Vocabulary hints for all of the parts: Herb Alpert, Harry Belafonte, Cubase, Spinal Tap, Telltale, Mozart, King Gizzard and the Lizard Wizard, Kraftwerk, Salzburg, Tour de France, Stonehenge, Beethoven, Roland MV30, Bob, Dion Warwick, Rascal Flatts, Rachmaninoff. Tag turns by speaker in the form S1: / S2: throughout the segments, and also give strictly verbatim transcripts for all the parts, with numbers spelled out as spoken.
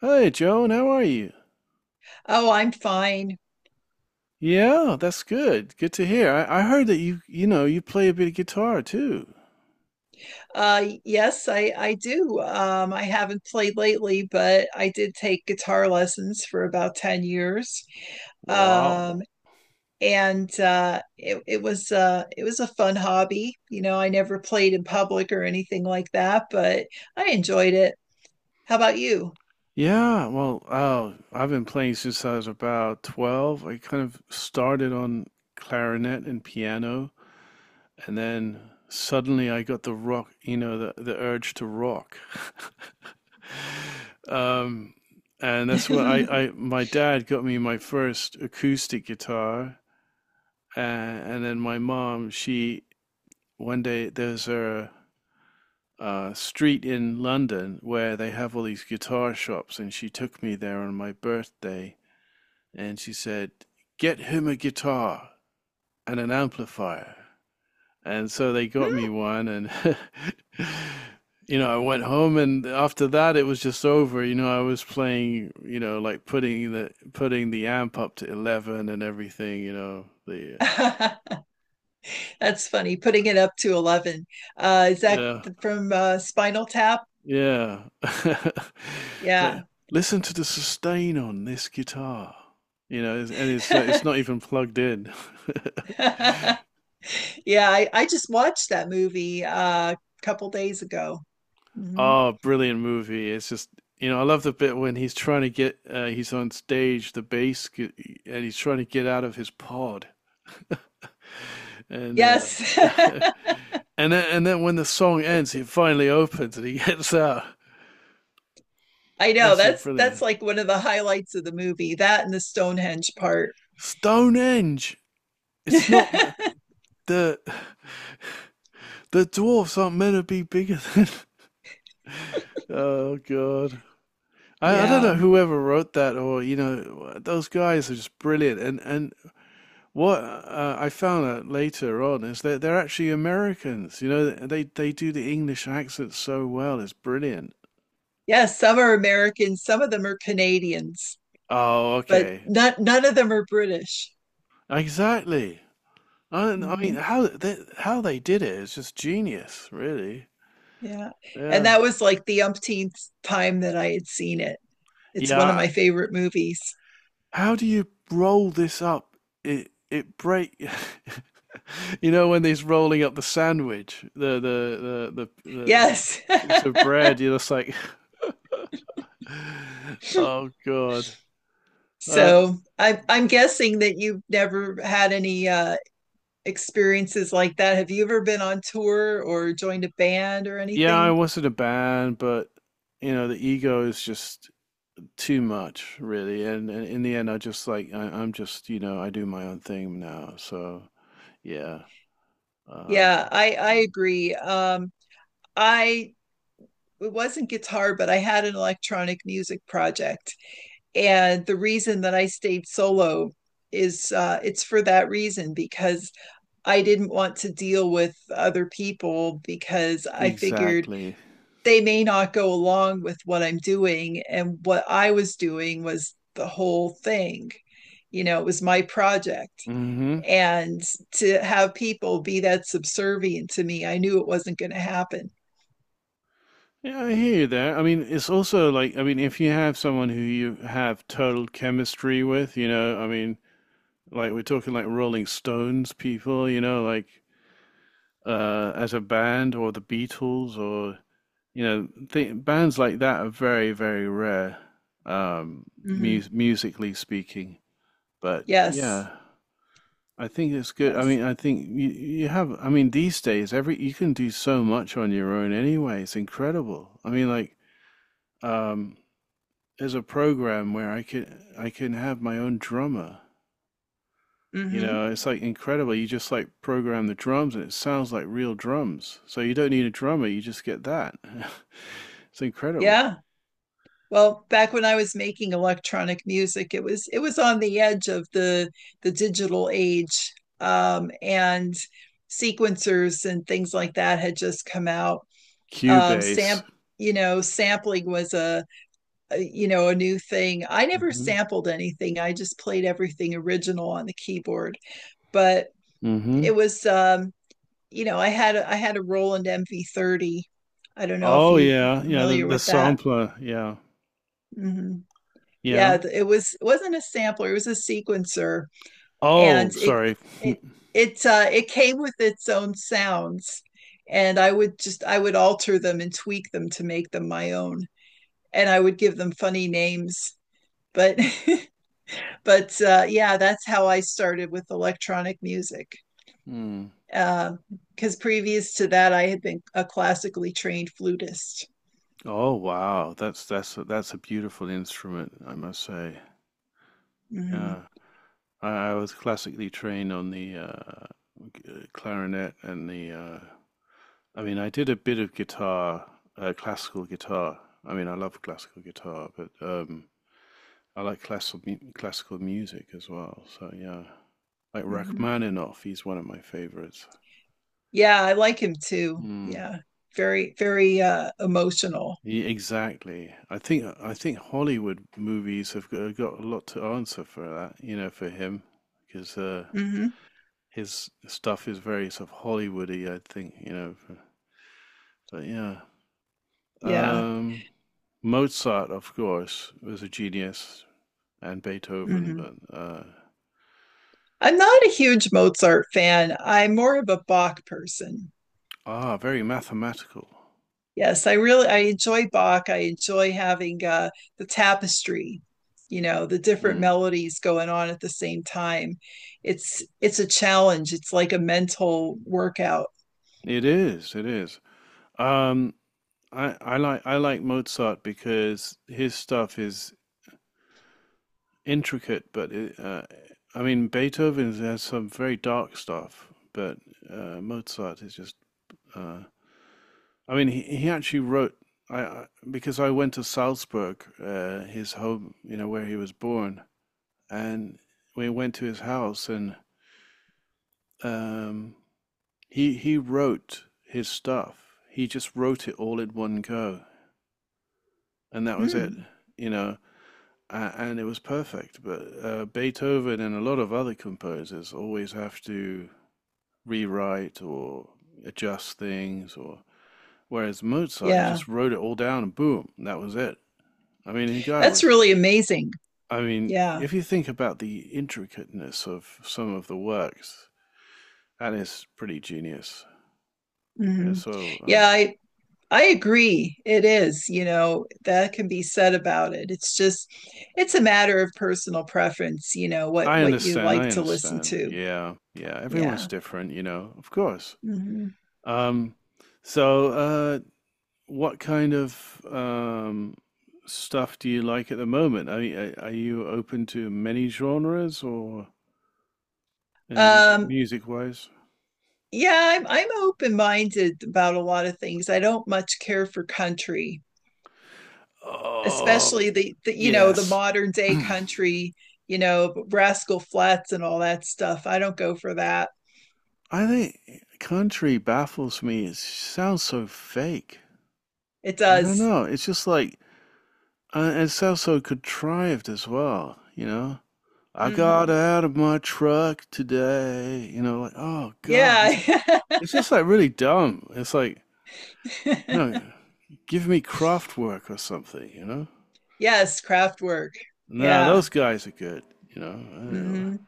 S1: Hey, Joan, how are you?
S2: Oh, I'm fine.
S1: Yeah, that's good. Good to hear. I, I heard that you, you know, you play a bit of guitar too.
S2: Uh, yes, I I do. Um, I haven't played lately, but I did take guitar lessons for about ten years. Um,
S1: Wow.
S2: and uh, it it was uh it was a fun hobby. You know, I never played in public or anything like that, but I enjoyed it. How about you?
S1: Yeah, well, uh, I've been playing since I was about twelve. I kind of started on clarinet and piano, and then suddenly I got the rock, you know, the, the urge to rock. Um, and that's what I, I, my dad got me my first acoustic guitar. And, and then my mom, she one day there's a, a street in London where they have all these guitar shops, and she took me there on my birthday, and she said, "Get him a guitar and an amplifier." And so they got me one, and you know, I went home, and after that, it was just over. You know, I was playing, you know, like putting the putting the amp up to eleven and everything. You know, the
S2: That's funny, putting it up to eleven. Uh, is that
S1: yeah.
S2: from uh, Spinal Tap?
S1: Yeah. It's like,
S2: Yeah.
S1: listen to the sustain on this guitar. You know, it's- and it's uh, it's not even plugged in.
S2: Yeah, I, I just watched that movie uh, a couple days ago. Hmm.
S1: Oh, brilliant movie. It's just, you know, I love the bit when he's trying to get uh, he's on stage, the bass gu- and he's trying to get out of his pod. And uh
S2: Yes.
S1: and then and then when the song ends, it finally opens and he gets out.
S2: I know.
S1: That's a
S2: That's that's
S1: brilliant.
S2: like one of the highlights of the movie. That and the Stonehenge part.
S1: Stonehenge. It's not ma- the The dwarfs aren't meant to be bigger than. Oh god. I, I don't
S2: Yeah.
S1: know whoever wrote that, or you know those guys are just brilliant, and and what uh, I found out later on is that they're actually Americans. You know, they they do the English accent so well, it's brilliant.
S2: Yeah, some are Americans, some of them are Canadians,
S1: Oh,
S2: but
S1: okay.
S2: not none of them are British.
S1: Exactly. I, I mean,
S2: Hmm.
S1: how they, how they did it is just genius, really.
S2: Yeah. And
S1: Yeah,
S2: that was like the umpteenth time that I had seen it. It's one of
S1: yeah.
S2: my favorite movies.
S1: How do you roll this up? It it break. You know when he's rolling up the sandwich, the the the the, the
S2: Yes.
S1: piece of bread. You're just like, oh god. Uh,
S2: So I'm I'm guessing that you've never had any uh experiences like that. Have you ever been on tour or joined a band or
S1: yeah, I
S2: anything?
S1: was in a band, but you know the ego is just too much, really. And, and in the end, I just like I, I'm just, you know, I do my own thing now. So yeah. um,
S2: Yeah, I I
S1: mm,
S2: agree. Um, I It wasn't guitar, but I had an electronic music project, and the reason that I stayed solo is uh, it's for that reason because I didn't want to deal with other people because I figured
S1: exactly.
S2: they may not go along with what I'm doing, and what I was doing was the whole thing. You know, it was my project.
S1: Hmm.
S2: And to have people be that subservient to me, I knew it wasn't going to happen.
S1: Yeah, I hear you there. I mean, it's also like, I mean, if you have someone who you have total chemistry with, you know, I mean, like we're talking like Rolling Stones people, you know, like uh as a band, or the Beatles, or you know, th bands like that are very, very rare, um, mu
S2: Hmm.
S1: musically speaking. But
S2: Yes,
S1: yeah, I think it's good. I
S2: yes.
S1: mean, I think you you have, I mean, these days every you can do so much on your own anyway. It's incredible. I mean, like um there's a program where I can I can have my own drummer. You
S2: Hmm.
S1: know, it's like incredible. You just like program the drums and it sounds like real drums. So you don't need a drummer, you just get that. It's incredible.
S2: Yeah. Well, back when I was making electronic music, it was it was on the edge of the the digital age, um, and sequencers and things like that had just come out. Um, sam,
S1: Cubase.
S2: you know, sampling was a uh, you know, a new thing. I
S1: Mm.
S2: never
S1: Mhm.
S2: sampled anything. I just played everything original on the keyboard. But
S1: Mm. Mhm.
S2: it was, um, you know, I had I had a Roland M V thirty. I don't know if
S1: Oh
S2: you're
S1: yeah, yeah, the
S2: familiar
S1: the
S2: with that.
S1: sampler, yeah.
S2: Hmm.
S1: Yeah.
S2: Yeah, it was it wasn't a sampler. It was a sequencer, and
S1: Oh,
S2: it
S1: sorry.
S2: it it uh, it came with its own sounds. And I would just I would alter them and tweak them to make them my own. And I would give them funny names, but but uh, yeah, that's how I started with electronic music.
S1: Mm.
S2: Because uh, previous to that, I had been a classically trained flutist.
S1: Oh wow, that's that's a, that's a beautiful instrument, I must say.
S2: Hmm.
S1: Yeah. I, I was classically trained on the uh, g- uh, clarinet and the. Uh, I mean, I did a bit of guitar, uh, classical guitar. I mean, I love classical guitar, but um, I like classical mu- classical music as well. So yeah, like
S2: Hmm.
S1: Rachmaninoff, he's one of my favorites.
S2: Yeah, I like him too.
S1: Mm.
S2: Yeah, very, very uh, emotional.
S1: Ye- exactly. I think I think Hollywood movies have got, got a lot to answer for that, you know, for him, because uh,
S2: Hmm.
S1: his stuff is very sort of Hollywoody, I think, you know. But yeah,
S2: Yeah.
S1: um, Mozart, of course, was a genius, and Beethoven,
S2: Hmm.
S1: but uh,
S2: I'm not a huge Mozart fan. I'm more of a Bach person.
S1: ah, very mathematical.
S2: Yes, I really I enjoy Bach. I enjoy having uh, the tapestry, you know, the different
S1: Mm.
S2: melodies going on at the same time. It's it's a challenge. It's like a mental workout.
S1: It is, it is. Um, I, I like I like Mozart because his stuff is intricate, but it, uh, I mean Beethoven has some very dark stuff, but uh, Mozart is just. Uh, I mean, he, he actually wrote I, I because I went to Salzburg, uh, his home, you know, where he was born, and we went to his house and um, he he wrote his stuff. He just wrote it all in one go, and that was it.
S2: Hmm.
S1: You know, uh, and it was perfect. But uh, Beethoven and a lot of other composers always have to rewrite, or adjust things, or whereas Mozart, he
S2: Yeah,
S1: just wrote it all down and boom, and that was it. I mean, the guy
S2: that's
S1: was.
S2: really amazing.
S1: I mean,
S2: Yeah.
S1: if you think about the intricateness of some of the works, that is pretty genius. Uh,
S2: Hmm.
S1: So, uh,
S2: Yeah, I, I agree. It is, you know, that can be said about it. It's just it's a matter of personal preference, you know, what
S1: I
S2: what you
S1: understand,
S2: like
S1: I
S2: to listen
S1: understand.
S2: to.
S1: Yeah, yeah, everyone's
S2: Yeah.
S1: different, you know, of course.
S2: Hmm.
S1: Um, so, uh, what kind of um, stuff do you like at the moment? Are, y- are, you open to many genres, or in music
S2: Um
S1: music wise?
S2: yeah, I'm I'm open-minded about a lot of things. I don't much care for country,
S1: Oh,
S2: especially the, the you know, the
S1: yes.
S2: modern day
S1: I
S2: country, you know, Rascal Flatts and all that stuff. I don't go for that.
S1: think country baffles me. It sounds so fake.
S2: It
S1: I don't
S2: does.
S1: know. It's just like, uh, it sounds so contrived as well, you know? I got
S2: Hmm.
S1: out of my truck today. You know, like, oh God,
S2: Yeah.
S1: it's like it's just like really dumb. It's like, no, give me craft work or something, you know?
S2: Yes, craft work.
S1: No,
S2: Yeah.
S1: those guys are good, you know. I don't
S2: Hmm.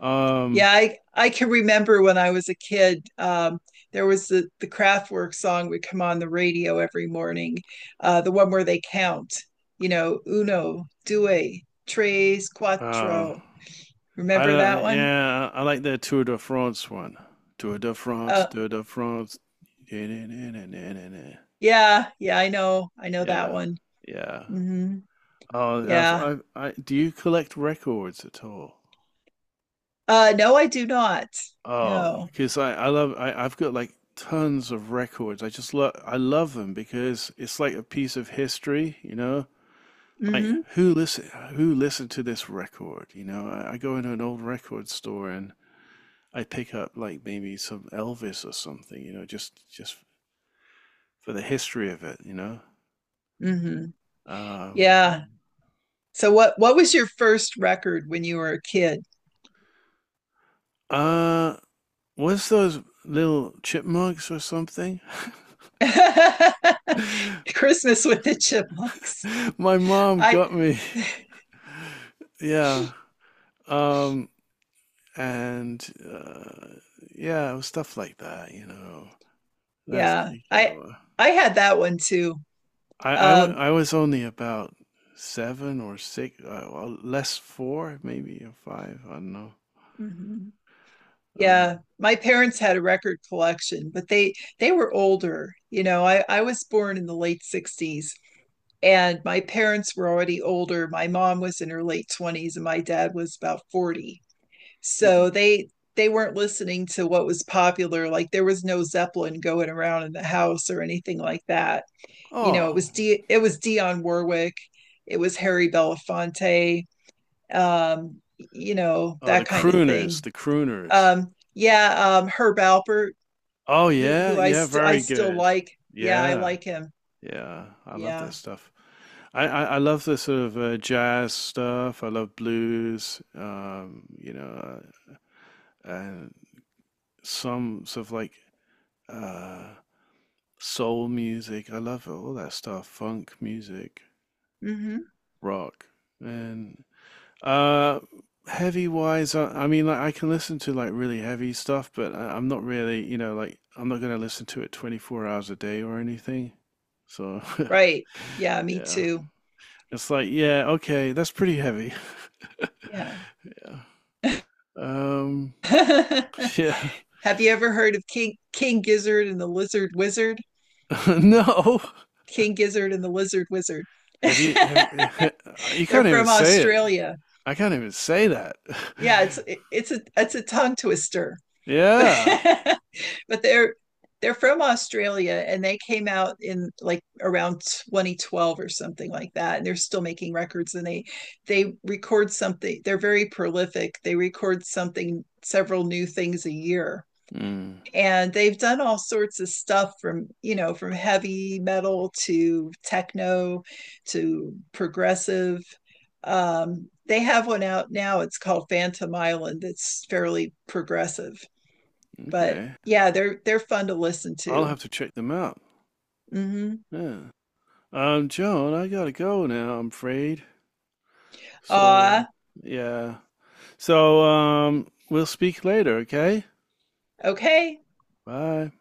S1: know. Um,
S2: Yeah, I I can remember when I was a kid, um, there was the the Kraftwerk song would come on the radio every morning, uh, the one where they count, you know, uno, due, tres,
S1: oh,
S2: cuatro.
S1: I
S2: Remember that
S1: don't-
S2: one?
S1: yeah, I like their Tour de France one. Tour de France,
S2: Uh,
S1: Tour de France. Yeah,
S2: yeah, yeah, I know, I know that one.
S1: yeah.
S2: Hmm.
S1: Oh, I've,
S2: Yeah.
S1: I've, I, do you collect records at all?
S2: Uh, no, I do not.
S1: Oh,
S2: No.
S1: because I, I love I, I've got like tons of records. I just love I love them because it's like a piece of history, you know. Like
S2: Hmm.
S1: who listen who listened to this record? You know, I, I go into an old record store and I pick up like maybe some Elvis or something, you know, just just for the history of it, you know.
S2: Hmm.
S1: Um,
S2: Yeah. So what what was your first record when you were a kid?
S1: uh, what's those little chipmunks or something?
S2: Christmas with the chipmunks.
S1: My mom
S2: I
S1: got me. Yeah. Um, and uh, yeah, it was stuff like that, you know. That's
S2: Yeah,
S1: yeah
S2: I
S1: know, uh,
S2: I had that one too.
S1: I I w
S2: Um.
S1: I was only about seven or six, uh, well, less four, maybe or five. I don't know.
S2: Mhm. Yeah,
S1: Um,
S2: my parents had a record collection, but they they were older. You know, I I was born in the late sixties and my parents were already older. My mom was in her late twenties and my dad was about forty. So
S1: hmm.
S2: they they weren't listening to what was popular. Like there was no Zeppelin going around in the house or anything like that. You know, it
S1: Oh,
S2: was D it was Dion Warwick, it was Harry Belafonte, um, you know,
S1: oh, the
S2: that kind of
S1: crooners,
S2: thing.
S1: the crooners.
S2: Um, yeah, um, Herb Alpert,
S1: Oh
S2: who
S1: yeah,
S2: who I
S1: yeah,
S2: st- I
S1: very
S2: still
S1: good.
S2: like. Yeah, I
S1: Yeah,
S2: like him.
S1: yeah, I love that
S2: Yeah.
S1: stuff. I, I, I love the sort of uh, jazz stuff. I love blues. Um, you know, uh, and some sort of like uh soul music. I love it, all that stuff, funk music,
S2: Mm-hmm.
S1: rock, and uh heavy wise. I, I mean, like I can listen to like really heavy stuff, but I, I'm not really, you know, like I'm not gonna listen to it twenty-four hours a day or anything. So
S2: Right. Yeah, me
S1: yeah,
S2: too.
S1: it's like yeah, okay, that's pretty heavy.
S2: Yeah.
S1: Yeah. Um. Yeah.
S2: Have you ever heard of King King Gizzard and the Lizard Wizard?
S1: No.
S2: King Gizzard and the Lizard Wizard.
S1: Have you have you can't
S2: They're
S1: even
S2: from
S1: say it.
S2: Australia.
S1: I can't even say that.
S2: Yeah, it's it's a it's a tongue twister.
S1: Yeah.
S2: but they're they're from Australia and they came out in like around twenty twelve or something like that, and they're still making records, and they they record something, they're very prolific, they record something several new things a year,
S1: Mm,
S2: and they've done all sorts of stuff, from you know, from heavy metal to techno to progressive. Um, they have one out now, it's called Phantom Island. It's fairly progressive, but
S1: okay.
S2: yeah, they're they're fun to listen
S1: I'll
S2: to.
S1: have to check them out.
S2: Mm-hmm.
S1: Yeah. Um, Joan, I gotta go now, I'm afraid. So,
S2: Uh,
S1: yeah. So, um, we'll speak later, okay?
S2: okay.
S1: Bye.